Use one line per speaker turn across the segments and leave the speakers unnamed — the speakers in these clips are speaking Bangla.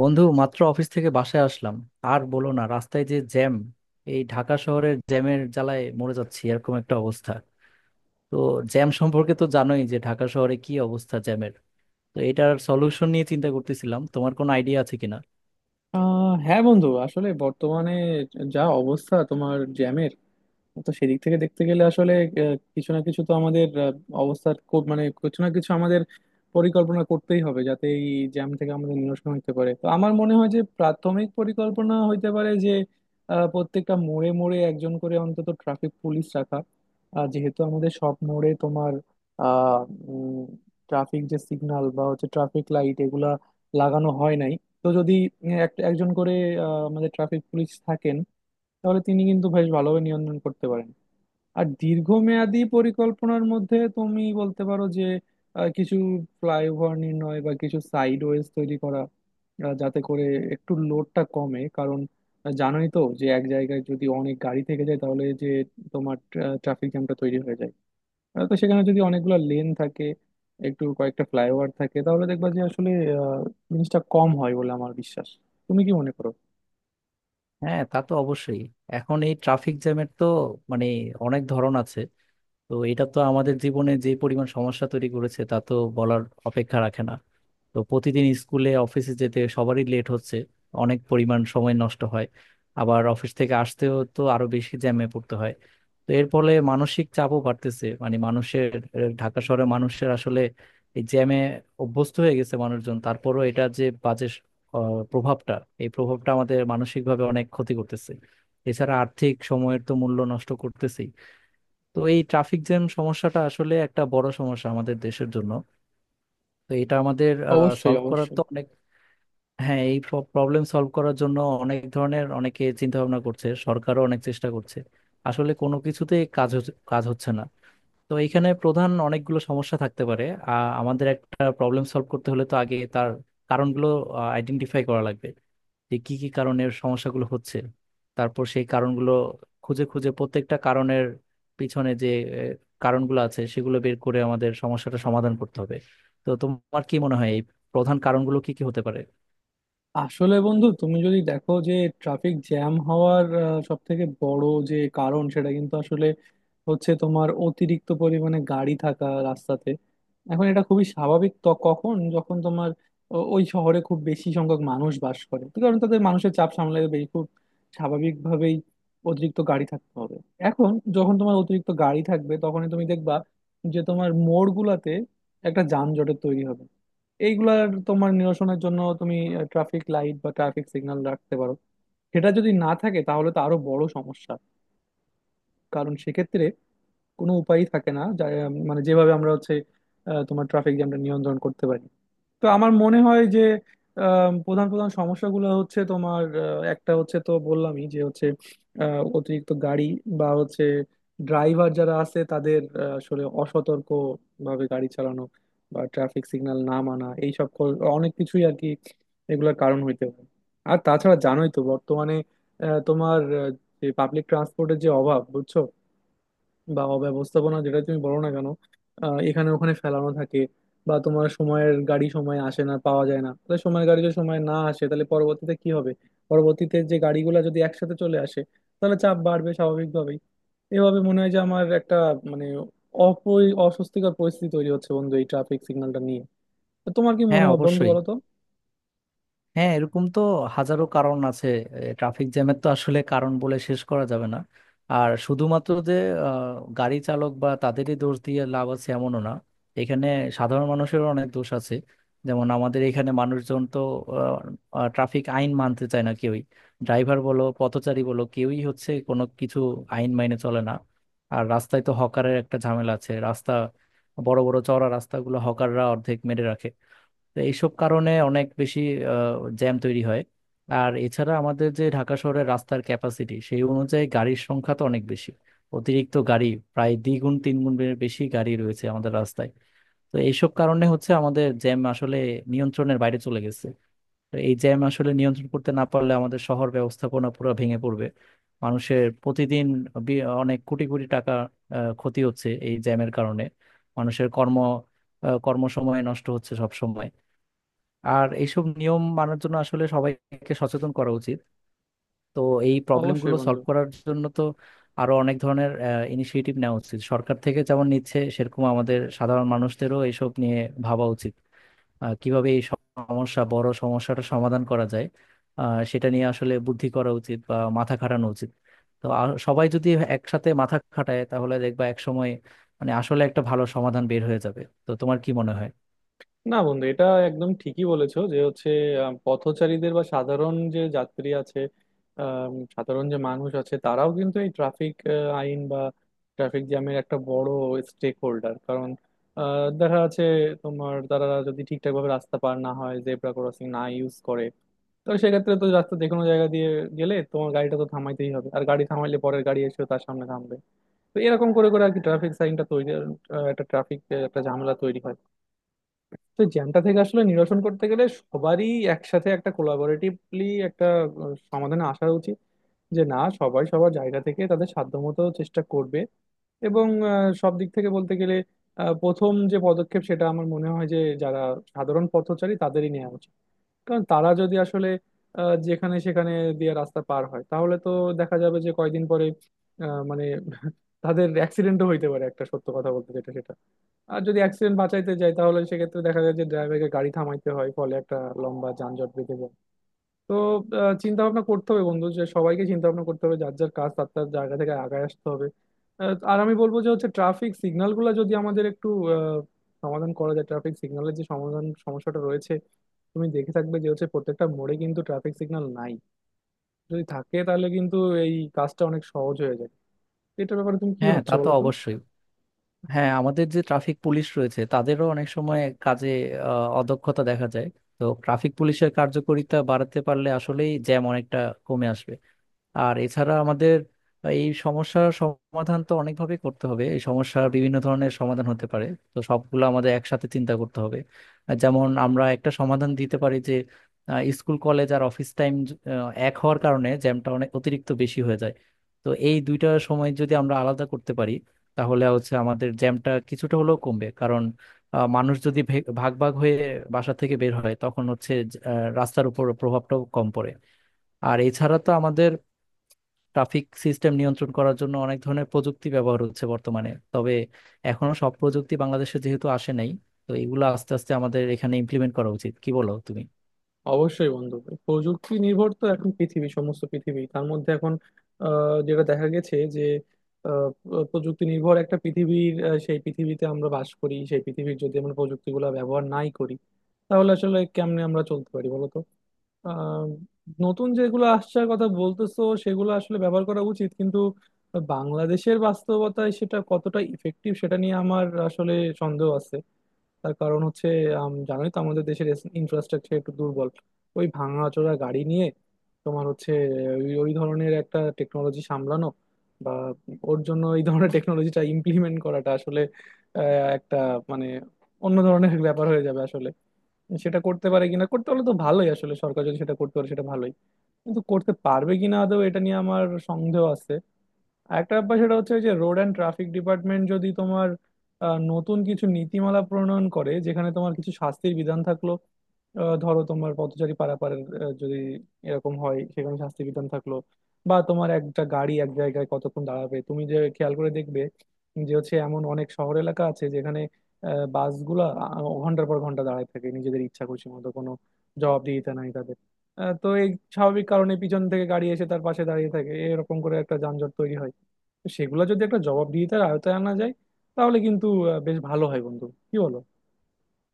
বন্ধু, মাত্র অফিস থেকে বাসায় আসলাম। আর বলো না, রাস্তায় যে জ্যাম! এই ঢাকা শহরের জ্যামের জ্বালায় মরে যাচ্ছি, এরকম একটা অবস্থা। তো জ্যাম সম্পর্কে তো জানোই যে ঢাকা শহরে কি অবস্থা জ্যামের। তো এটার সলিউশন নিয়ে চিন্তা করতেছিলাম, তোমার কোনো আইডিয়া আছে কিনা?
হ্যাঁ বন্ধু, আসলে বর্তমানে যা অবস্থা তোমার জ্যামের, তো সেদিক থেকে দেখতে গেলে আসলে কিছু না কিছু তো আমাদের অবস্থার কো- মানে কিছু না কিছু আমাদের পরিকল্পনা করতেই হবে যাতে এই জ্যাম থেকে আমাদের নিরসন হতে পারে। তো আমার মনে হয় যে প্রাথমিক পরিকল্পনা হইতে পারে যে প্রত্যেকটা মোড়ে মোড়ে একজন করে অন্তত ট্রাফিক পুলিশ রাখা। আর যেহেতু আমাদের সব মোড়ে তোমার আহ ট্রাফিক যে সিগন্যাল বা হচ্ছে ট্রাফিক লাইট এগুলা লাগানো হয় নাই, তো যদি একজন করে আমাদের ট্রাফিক পুলিশ থাকেন, তাহলে তিনি কিন্তু বেশ ভালোভাবে নিয়ন্ত্রণ করতে পারেন। আর দীর্ঘমেয়াদী পরিকল্পনার মধ্যে তুমি বলতে পারো যে কিছু ফ্লাইওভার নির্ণয় বা কিছু সাইডওয়েজ তৈরি করা, যাতে করে একটু লোডটা কমে। কারণ জানোই তো যে এক জায়গায় যদি অনেক গাড়ি থেকে যায়, তাহলে যে তোমার ট্রাফিক জ্যামটা তৈরি হয়ে যায়। তো সেখানে যদি অনেকগুলো লেন থাকে, একটু কয়েকটা ফ্লাইওভার থাকে, তাহলে দেখবা যে আসলে আহ, জিনিসটা কম হয় বলে আমার বিশ্বাস। তুমি কি মনে করো?
হ্যাঁ, তা তো অবশ্যই। এখন এই ট্রাফিক জ্যামের তো মানে অনেক ধরন আছে। তো এটা তো আমাদের জীবনে যে পরিমাণ সমস্যা তৈরি করেছে তা তো বলার অপেক্ষা রাখে না। তো প্রতিদিন স্কুলে অফিসে যেতে সবারই লেট হচ্ছে, অনেক পরিমাণ সময় নষ্ট হয়। আবার অফিস থেকে আসতেও তো আরো বেশি জ্যামে পড়তে হয়। তো এর ফলে মানসিক চাপও বাড়তেছে মানে মানুষের। ঢাকা শহরে মানুষের আসলে এই জ্যামে অভ্যস্ত হয়ে গেছে মানুষজন, তারপরও এটা যে বাজে প্রভাবটা, এই প্রভাবটা আমাদের মানসিকভাবে অনেক ক্ষতি করতেছে। এছাড়া আর্থিক সময়ের তো মূল্য নষ্ট করতেছেই। তো এই ট্রাফিক জ্যাম সমস্যাটা আসলে একটা বড় সমস্যা আমাদের দেশের জন্য। তো এটা আমাদের
অবশ্যই,
সলভ করার
অবশ্যই।
তো অনেক। হ্যাঁ, এই প্রবলেম সলভ করার জন্য অনেক ধরনের অনেকে চিন্তা ভাবনা করছে, সরকারও অনেক চেষ্টা করছে। আসলে কোনো কিছুতেই কাজ হচ্ছে না। তো এখানে প্রধান অনেকগুলো সমস্যা থাকতে পারে। আমাদের একটা প্রবলেম সলভ করতে হলে তো আগে তার কারণগুলো আইডেন্টিফাই করা লাগবে, যে কি কি কারণের সমস্যাগুলো হচ্ছে। তারপর সেই কারণগুলো খুঁজে খুঁজে প্রত্যেকটা কারণের পিছনে যে আহ, কারণগুলো আছে সেগুলো বের করে আমাদের সমস্যাটা সমাধান করতে হবে। তো তোমার কি মনে হয় এই প্রধান কারণগুলো কি কি হতে পারে?
আসলে বন্ধু, তুমি যদি দেখো যে ট্রাফিক জ্যাম হওয়ার সব থেকে বড় যে কারণ, সেটা কিন্তু আসলে হচ্ছে তোমার অতিরিক্ত পরিমাণে গাড়ি থাকা রাস্তাতে। এখন এটা খুবই স্বাভাবিক, তো কখন যখন তোমার ওই শহরে খুব বেশি সংখ্যক মানুষ বাস করে, তো কারণ তাদের মানুষের চাপ সামলাতে বেশ খুব স্বাভাবিকভাবেই অতিরিক্ত গাড়ি থাকতে হবে। এখন যখন তোমার অতিরিক্ত গাড়ি থাকবে, তখনই তুমি দেখবা যে তোমার মোড়গুলাতে একটা যানজটের তৈরি হবে। এইগুলার তোমার নিরসনের জন্য তুমি ট্রাফিক লাইট বা ট্রাফিক সিগন্যাল রাখতে পারো। সেটা যদি না থাকে তাহলে তো আরো বড় সমস্যা, কারণ সেক্ষেত্রে কোনো উপায়ই থাকে না যা- মানে যেভাবে আমরা হচ্ছে তোমার ট্রাফিক জ্যামটা নিয়ন্ত্রণ করতে পারি। তো আমার মনে হয় যে প্রধান প্রধান সমস্যাগুলো হচ্ছে তোমার, একটা হচ্ছে তো বললামই যে হচ্ছে অতিরিক্ত গাড়ি, বা হচ্ছে ড্রাইভার যারা আছে তাদের আসলে অসতর্ক ভাবে গাড়ি চালানো বা ট্রাফিক সিগন্যাল না মানা, এইসব অনেক কিছুই আর কি এগুলোর কারণ হইতে পারে। আর তাছাড়া জানোই তো বর্তমানে আহ, তোমার আহ, যে পাবলিক ট্রান্সপোর্টের যে অভাব, বুঝছো, বা অব্যবস্থাপনা, যেটা তুমি বলো না কেন, এখানে ওখানে ফেলানো থাকে, বা তোমার সময়ের গাড়ি সময় আসে না, পাওয়া যায় না। তাহলে সময়ের গাড়ি যদি সময় না আসে তাহলে পরবর্তীতে কি হবে? পরবর্তীতে যে গাড়িগুলো যদি একসাথে চলে আসে, তাহলে চাপ বাড়বে স্বাভাবিকভাবেই। এভাবে মনে হয় যে আমার একটা, মানে, অস্বস্তিকর পরিস্থিতি তৈরি হচ্ছে বন্ধু এই ট্রাফিক সিগন্যালটা নিয়ে। তো তোমার কি মনে
হ্যাঁ,
হয় বন্ধু,
অবশ্যই।
বলো তো?
হ্যাঁ, এরকম তো হাজারো কারণ আছে, ট্রাফিক জ্যামের তো আসলে কারণ বলে শেষ করা যাবে না। আর শুধুমাত্র যে গাড়ি চালক বা তাদেরই দোষ দিয়ে লাভ আছে এমনও না, এখানে সাধারণ মানুষেরও অনেক দোষ আছে। যেমন আমাদের এখানে মানুষজন তো ট্রাফিক আইন মানতে চায় না কেউই। ড্রাইভার বলো, পথচারী বলো, কেউই হচ্ছে কোনো কিছু আইন মাইনে চলে না। আর রাস্তায় তো হকারের একটা ঝামেলা আছে, রাস্তা বড় বড় চওড়া রাস্তাগুলো হকাররা অর্ধেক মেরে রাখে। তো এইসব কারণে অনেক বেশি জ্যাম তৈরি হয়। আর এছাড়া আমাদের যে ঢাকা শহরের রাস্তার ক্যাপাসিটি, সেই অনুযায়ী গাড়ির সংখ্যা তো অনেক বেশি, অতিরিক্ত গাড়ি, প্রায় দ্বিগুণ তিন গুণ বেশি গাড়ি রয়েছে আমাদের রাস্তায়। তো এইসব কারণে হচ্ছে আমাদের জ্যাম আসলে নিয়ন্ত্রণের বাইরে চলে গেছে। তো এই জ্যাম আসলে নিয়ন্ত্রণ করতে না পারলে আমাদের শহর ব্যবস্থাপনা পুরো ভেঙে পড়বে। মানুষের প্রতিদিন অনেক কোটি কোটি টাকা ক্ষতি হচ্ছে এই জ্যামের কারণে। মানুষের কর্ম, কর্মসময় নষ্ট হচ্ছে সব সময়। আর এইসব নিয়ম মানার জন্য আসলে সবাইকে সচেতন করা উচিত। তো এই
অবশ্যই
প্রবলেমগুলো
বন্ধু।
সলভ করার জন্য তো আরো অনেক ধরনের ইনিশিয়েটিভ নেওয়া উচিত সরকার থেকে, যেমন নিচ্ছে, সেরকম আমাদের সাধারণ মানুষদেরও এইসব নিয়ে ভাবা উচিত। কিভাবে এই সমস্যা বড় সমস্যাটা সমাধান করা যায়, সেটা নিয়ে আসলে বুদ্ধি করা উচিত বা মাথা খাটানো উচিত। তো আর সবাই যদি একসাথে মাথা খাটায় তাহলে দেখবা একসময় মানে আসলে একটা ভালো সমাধান বের হয়ে যাবে। তো তোমার কি মনে হয়?
না বন্ধু, এটা একদম ঠিকই বলেছো যে হচ্ছে পথচারীদের বা সাধারণ যে যাত্রী আছে, সাধারণ যে মানুষ আছে, তারাও কিন্তু এই ট্রাফিক আইন বা ট্রাফিক জ্যামের একটা বড় স্টেক হোল্ডার। কারণ দেখা যাচ্ছে তোমার, তারা যদি ঠিকঠাকভাবে রাস্তা পার না হয়, জেব্রা ক্রসিং না ইউজ করে, তাহলে সেক্ষেত্রে তো রাস্তা যে কোনো জায়গা দিয়ে গেলে তোমার গাড়িটা তো থামাইতেই হবে, আর গাড়ি থামাইলে পরের গাড়ি এসেও তার সামনে থামবে। তো এরকম করে করে আর কি ট্রাফিক সাইনটা তৈরি আহ, একটা ট্রাফিক একটা ঝামেলা তৈরি হয়। তো এই জ্যামটা থেকে আসলে নিরসন করতে গেলে সবারই একসাথে একটা কোলাবোরেটিভলি একটা সমাধানে আসা উচিত, যে না সবাই সবার জায়গা থেকে তাদের সাধ্যমতো চেষ্টা করবে। এবং সব দিক থেকে বলতে গেলে প্রথম যে পদক্ষেপ সেটা আমার মনে হয় যে যারা সাধারণ পথচারী তাদেরই নেওয়া উচিত। কারণ তারা যদি আসলে যেখানে সেখানে দিয়ে রাস্তা পার হয়, তাহলে তো দেখা যাবে যে কয়দিন পরে আহ, মানে তাদের অ্যাক্সিডেন্টও হইতে পারে, একটা সত্য কথা বলতে যেটা সেটা। আর যদি অ্যাক্সিডেন্ট বাঁচাইতে যাই তাহলে সেক্ষেত্রে দেখা যায় যে ড্রাইভারকে গাড়ি থামাইতে হয়, ফলে একটা লম্বা যানজট বেঁধে যায়। তো চিন্তা ভাবনা করতে হবে বন্ধু, যে সবাইকে চিন্তা ভাবনা করতে হবে, যার যার কাজ তার তার জায়গা থেকে আগায় আসতে হবে। আর আমি বলবো যে হচ্ছে ট্রাফিক সিগন্যাল গুলা যদি আমাদের একটু আহ, সমাধান করা যায়, ট্রাফিক সিগন্যালের যে সমাধান সমস্যাটা রয়েছে। তুমি দেখে থাকবে যে হচ্ছে প্রত্যেকটা মোড়ে কিন্তু ট্রাফিক সিগন্যাল নাই। যদি থাকে তাহলে কিন্তু এই কাজটা অনেক সহজ হয়ে যায়। তো এটার ব্যাপারে তুমি কি
হ্যাঁ, তা
ভাবছো
তো
বলো তো?
অবশ্যই। হ্যাঁ, আমাদের যে ট্রাফিক পুলিশ রয়েছে তাদেরও অনেক সময় কাজে অদক্ষতা দেখা যায়। তো ট্রাফিক পুলিশের কার্যকারিতা বাড়াতে পারলে আসলেই জ্যাম অনেকটা কমে আসবে। আর এছাড়া আমাদের এই সমস্যার সমাধান তো অনেকভাবে করতে হবে, এই সমস্যার বিভিন্ন ধরনের সমাধান হতে পারে। তো সবগুলো আমাদের একসাথে চিন্তা করতে হবে। আর যেমন আমরা একটা সমাধান দিতে পারি যে স্কুল কলেজ আর অফিস টাইম এক হওয়ার কারণে জ্যামটা অনেক অতিরিক্ত বেশি হয়ে যায়। তো এই দুইটা সময় যদি আমরা আলাদা করতে পারি তাহলে হচ্ছে আমাদের জ্যামটা কিছুটা হলেও কমবে, কারণ মানুষ যদি ভাগ ভাগ হয়ে বাসা থেকে বের হয় তখন হচ্ছে রাস্তার উপর প্রভাবটাও কম পড়ে। আর এছাড়া তো আমাদের ট্রাফিক সিস্টেম নিয়ন্ত্রণ করার জন্য অনেক ধরনের প্রযুক্তি ব্যবহার হচ্ছে বর্তমানে, তবে এখনো সব প্রযুক্তি বাংলাদেশে যেহেতু আসে নাই, তো এগুলো আস্তে আস্তে আমাদের এখানে ইমপ্লিমেন্ট করা উচিত, কি বলো তুমি?
অবশ্যই বন্ধু, এই প্রযুক্তি নির্ভর তো এখন পৃথিবী, সমস্ত পৃথিবী তার মধ্যে এখন, যেটা দেখা গেছে যে প্রযুক্তি নির্ভর একটা পৃথিবীর, সেই পৃথিবীতে আমরা বাস করি, সেই পৃথিবীর যদি আমরা প্রযুক্তিগুলো ব্যবহার নাই করি, তাহলে আসলে কেমনে আমরা চলতে পারি বলো তো? আহ, নতুন যেগুলো আসছার কথা বলতেছো সেগুলো আসলে ব্যবহার করা উচিত, কিন্তু বাংলাদেশের বাস্তবতায় সেটা কতটা ইফেক্টিভ সেটা নিয়ে আমার আসলে সন্দেহ আছে। তার কারণ হচ্ছে, জানোই তো আমাদের দেশের ইনফ্রাস্ট্রাকচার একটু দুর্বল। ওই ভাঙাচোরা গাড়ি নিয়ে তোমার হচ্ছে ওই ওই ধরনের একটা টেকনোলজি সামলানো, বা ওর জন্য এই ধরনের টেকনোলজিটা ইমপ্লিমেন্ট করাটা আসলে আহ, একটা মানে অন্য ধরনের ব্যাপার হয়ে যাবে আসলে। সেটা করতে পারে কিনা, করতে পারলে তো ভালোই, আসলে সরকার যদি সেটা করতে পারে সেটা ভালোই, কিন্তু করতে পারবে কিনা আদৌ এটা নিয়ে আমার সন্দেহ আছে। আরেকটা ব্যাপার সেটা হচ্ছে যে রোড অ্যান্ড ট্রাফিক ডিপার্টমেন্ট যদি তোমার নতুন কিছু নীতিমালা প্রণয়ন করে, যেখানে তোমার কিছু শাস্তির বিধান থাকলো, ধরো তোমার পথচারী পারাপারের যদি এরকম হয় সেখানে শাস্তি বিধান থাকলো, বা তোমার একটা গাড়ি এক জায়গায় কতক্ষণ দাঁড়াবে। তুমি যে খেয়াল করে দেখবে যে হচ্ছে এমন অনেক শহর এলাকা আছে যেখানে বাসগুলা ঘন্টার পর ঘন্টা দাঁড়ায় থাকে নিজেদের ইচ্ছা খুশি মতো, কোনো জবাবদিহিতা নাই তাদের। তো এই স্বাভাবিক কারণে পিছন থেকে গাড়ি এসে তার পাশে দাঁড়িয়ে থাকে, এরকম করে একটা যানজট তৈরি হয়। তো সেগুলো যদি একটা জবাবদিহিতার আয়তায় আনা যায়, তাহলে কিন্তু বেশ ভালো হয় বন্ধু, কি বলো?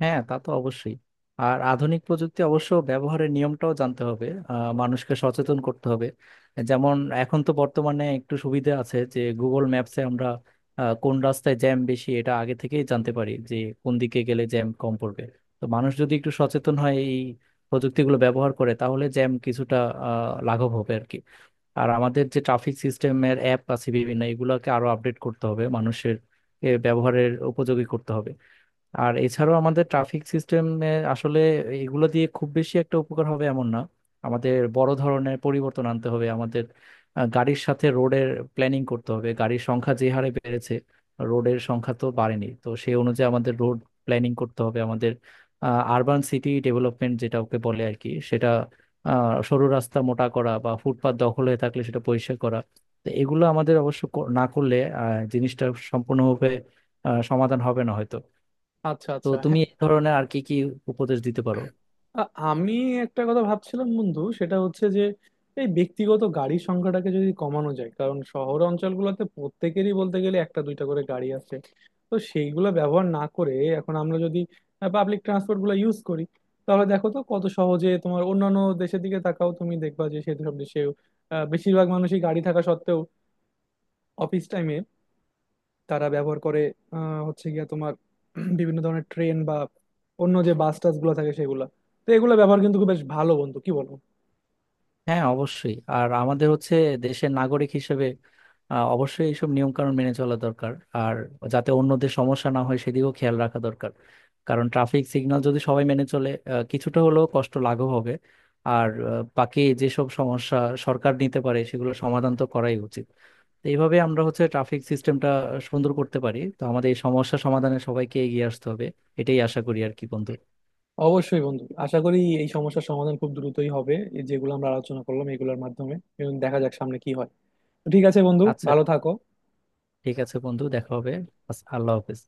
হ্যাঁ, তা তো অবশ্যই। আর আধুনিক প্রযুক্তি অবশ্য ব্যবহারের নিয়মটাও জানতে হবে, মানুষকে সচেতন করতে হবে। যেমন এখন তো বর্তমানে একটু সুবিধা আছে যে গুগল ম্যাপসে আমরা কোন রাস্তায় জ্যাম বেশি এটা আগে থেকেই জানতে পারি, যে কোন দিকে গেলে জ্যাম কম পড়বে। তো মানুষ যদি একটু সচেতন হয় এই প্রযুক্তিগুলো ব্যবহার করে, তাহলে জ্যাম কিছুটা লাঘব হবে আর কি। আর আমাদের যে ট্রাফিক সিস্টেমের অ্যাপ আছে বিভিন্ন, এগুলোকে আরো আপডেট করতে হবে মানুষের ব্যবহারের উপযোগী করতে হবে। আর এছাড়াও আমাদের ট্রাফিক সিস্টেমে আসলে এগুলো দিয়ে খুব বেশি একটা উপকার হবে এমন না, আমাদের বড় ধরনের পরিবর্তন আনতে হবে। আমাদের গাড়ির সাথে রোডের প্ল্যানিং করতে হবে, গাড়ির সংখ্যা যে হারে বেড়েছে রোডের সংখ্যা তো বাড়েনি। তো সেই অনুযায়ী আমাদের রোড প্ল্যানিং করতে হবে, আমাদের আরবান সিটি ডেভেলপমেন্ট যেটা ওকে বলে আর কি, সেটা সরু রাস্তা মোটা করা বা ফুটপাত দখল হয়ে থাকলে সেটা পরিষ্কার করা। তো এগুলো আমাদের অবশ্য না করলে আহ, জিনিসটা সম্পূর্ণভাবে সমাধান হবে না হয়তো।
আচ্ছা,
তো
আচ্ছা,
তুমি
হ্যাঁ।
এই ধরনের আর কি কি উপদেশ দিতে পারো?
আ- আমি একটা কথা ভাবছিলাম বন্ধু, সেটা হচ্ছে যে এই ব্যক্তিগত গাড়ির সংখ্যাটাকে যদি কমানো যায়, কারণ শহর অঞ্চলগুলোতে প্রত্যেকেরই বলতে গেলে একটা দুইটা করে গাড়ি আছে। তো সেইগুলো ব্যবহার না করে এখন আমরা যদি পাবলিক ট্রান্সপোর্ট গুলো ইউজ করি, তাহলে দেখো তো কত সহজে। তোমার অন্যান্য দেশের দিকে তাকাও, তুমি দেখবা যে সেসব দেশে বেশিরভাগ মানুষই গাড়ি থাকা সত্ত্বেও অফিস টাইমে তারা ব্যবহার করে হচ্ছে গিয়া তোমার বিভিন্ন ধরনের ট্রেন বা অন্য যে বাস টাস গুলো থাকে সেগুলা। তো এগুলো ব্যবহার কিন্তু খুব বেশ ভালো বন্ধু, কি বলবো।
হ্যাঁ, অবশ্যই। আর আমাদের হচ্ছে দেশের নাগরিক হিসেবে অবশ্যই এইসব নিয়ম কানুন মেনে চলা দরকার, আর যাতে অন্যদের সমস্যা না হয় সেদিকেও খেয়াল রাখা দরকার। কারণ ট্রাফিক সিগন্যাল যদি সবাই মেনে চলে কিছুটা হলেও কষ্ট লাঘব হবে। আর বাকি যেসব সমস্যা সরকার নিতে পারে সেগুলো সমাধান তো করাই উচিত। তো এইভাবে আমরা হচ্ছে ট্রাফিক সিস্টেমটা সুন্দর করতে পারি। তো আমাদের এই সমস্যা সমাধানে সবাইকে এগিয়ে আসতে হবে, এটাই আশা করি আর কি বন্ধু।
অবশ্যই বন্ধু, আশা করি এই সমস্যার সমাধান খুব দ্রুতই হবে, এই যেগুলো আমরা আলোচনা করলাম এগুলোর মাধ্যমে। এবং দেখা যাক সামনে কি হয়। তো ঠিক আছে বন্ধু,
আচ্ছা,
ভালো থাকো।
ঠিক আছে বন্ধু, দেখা হবে। আল্লাহ হাফেজ।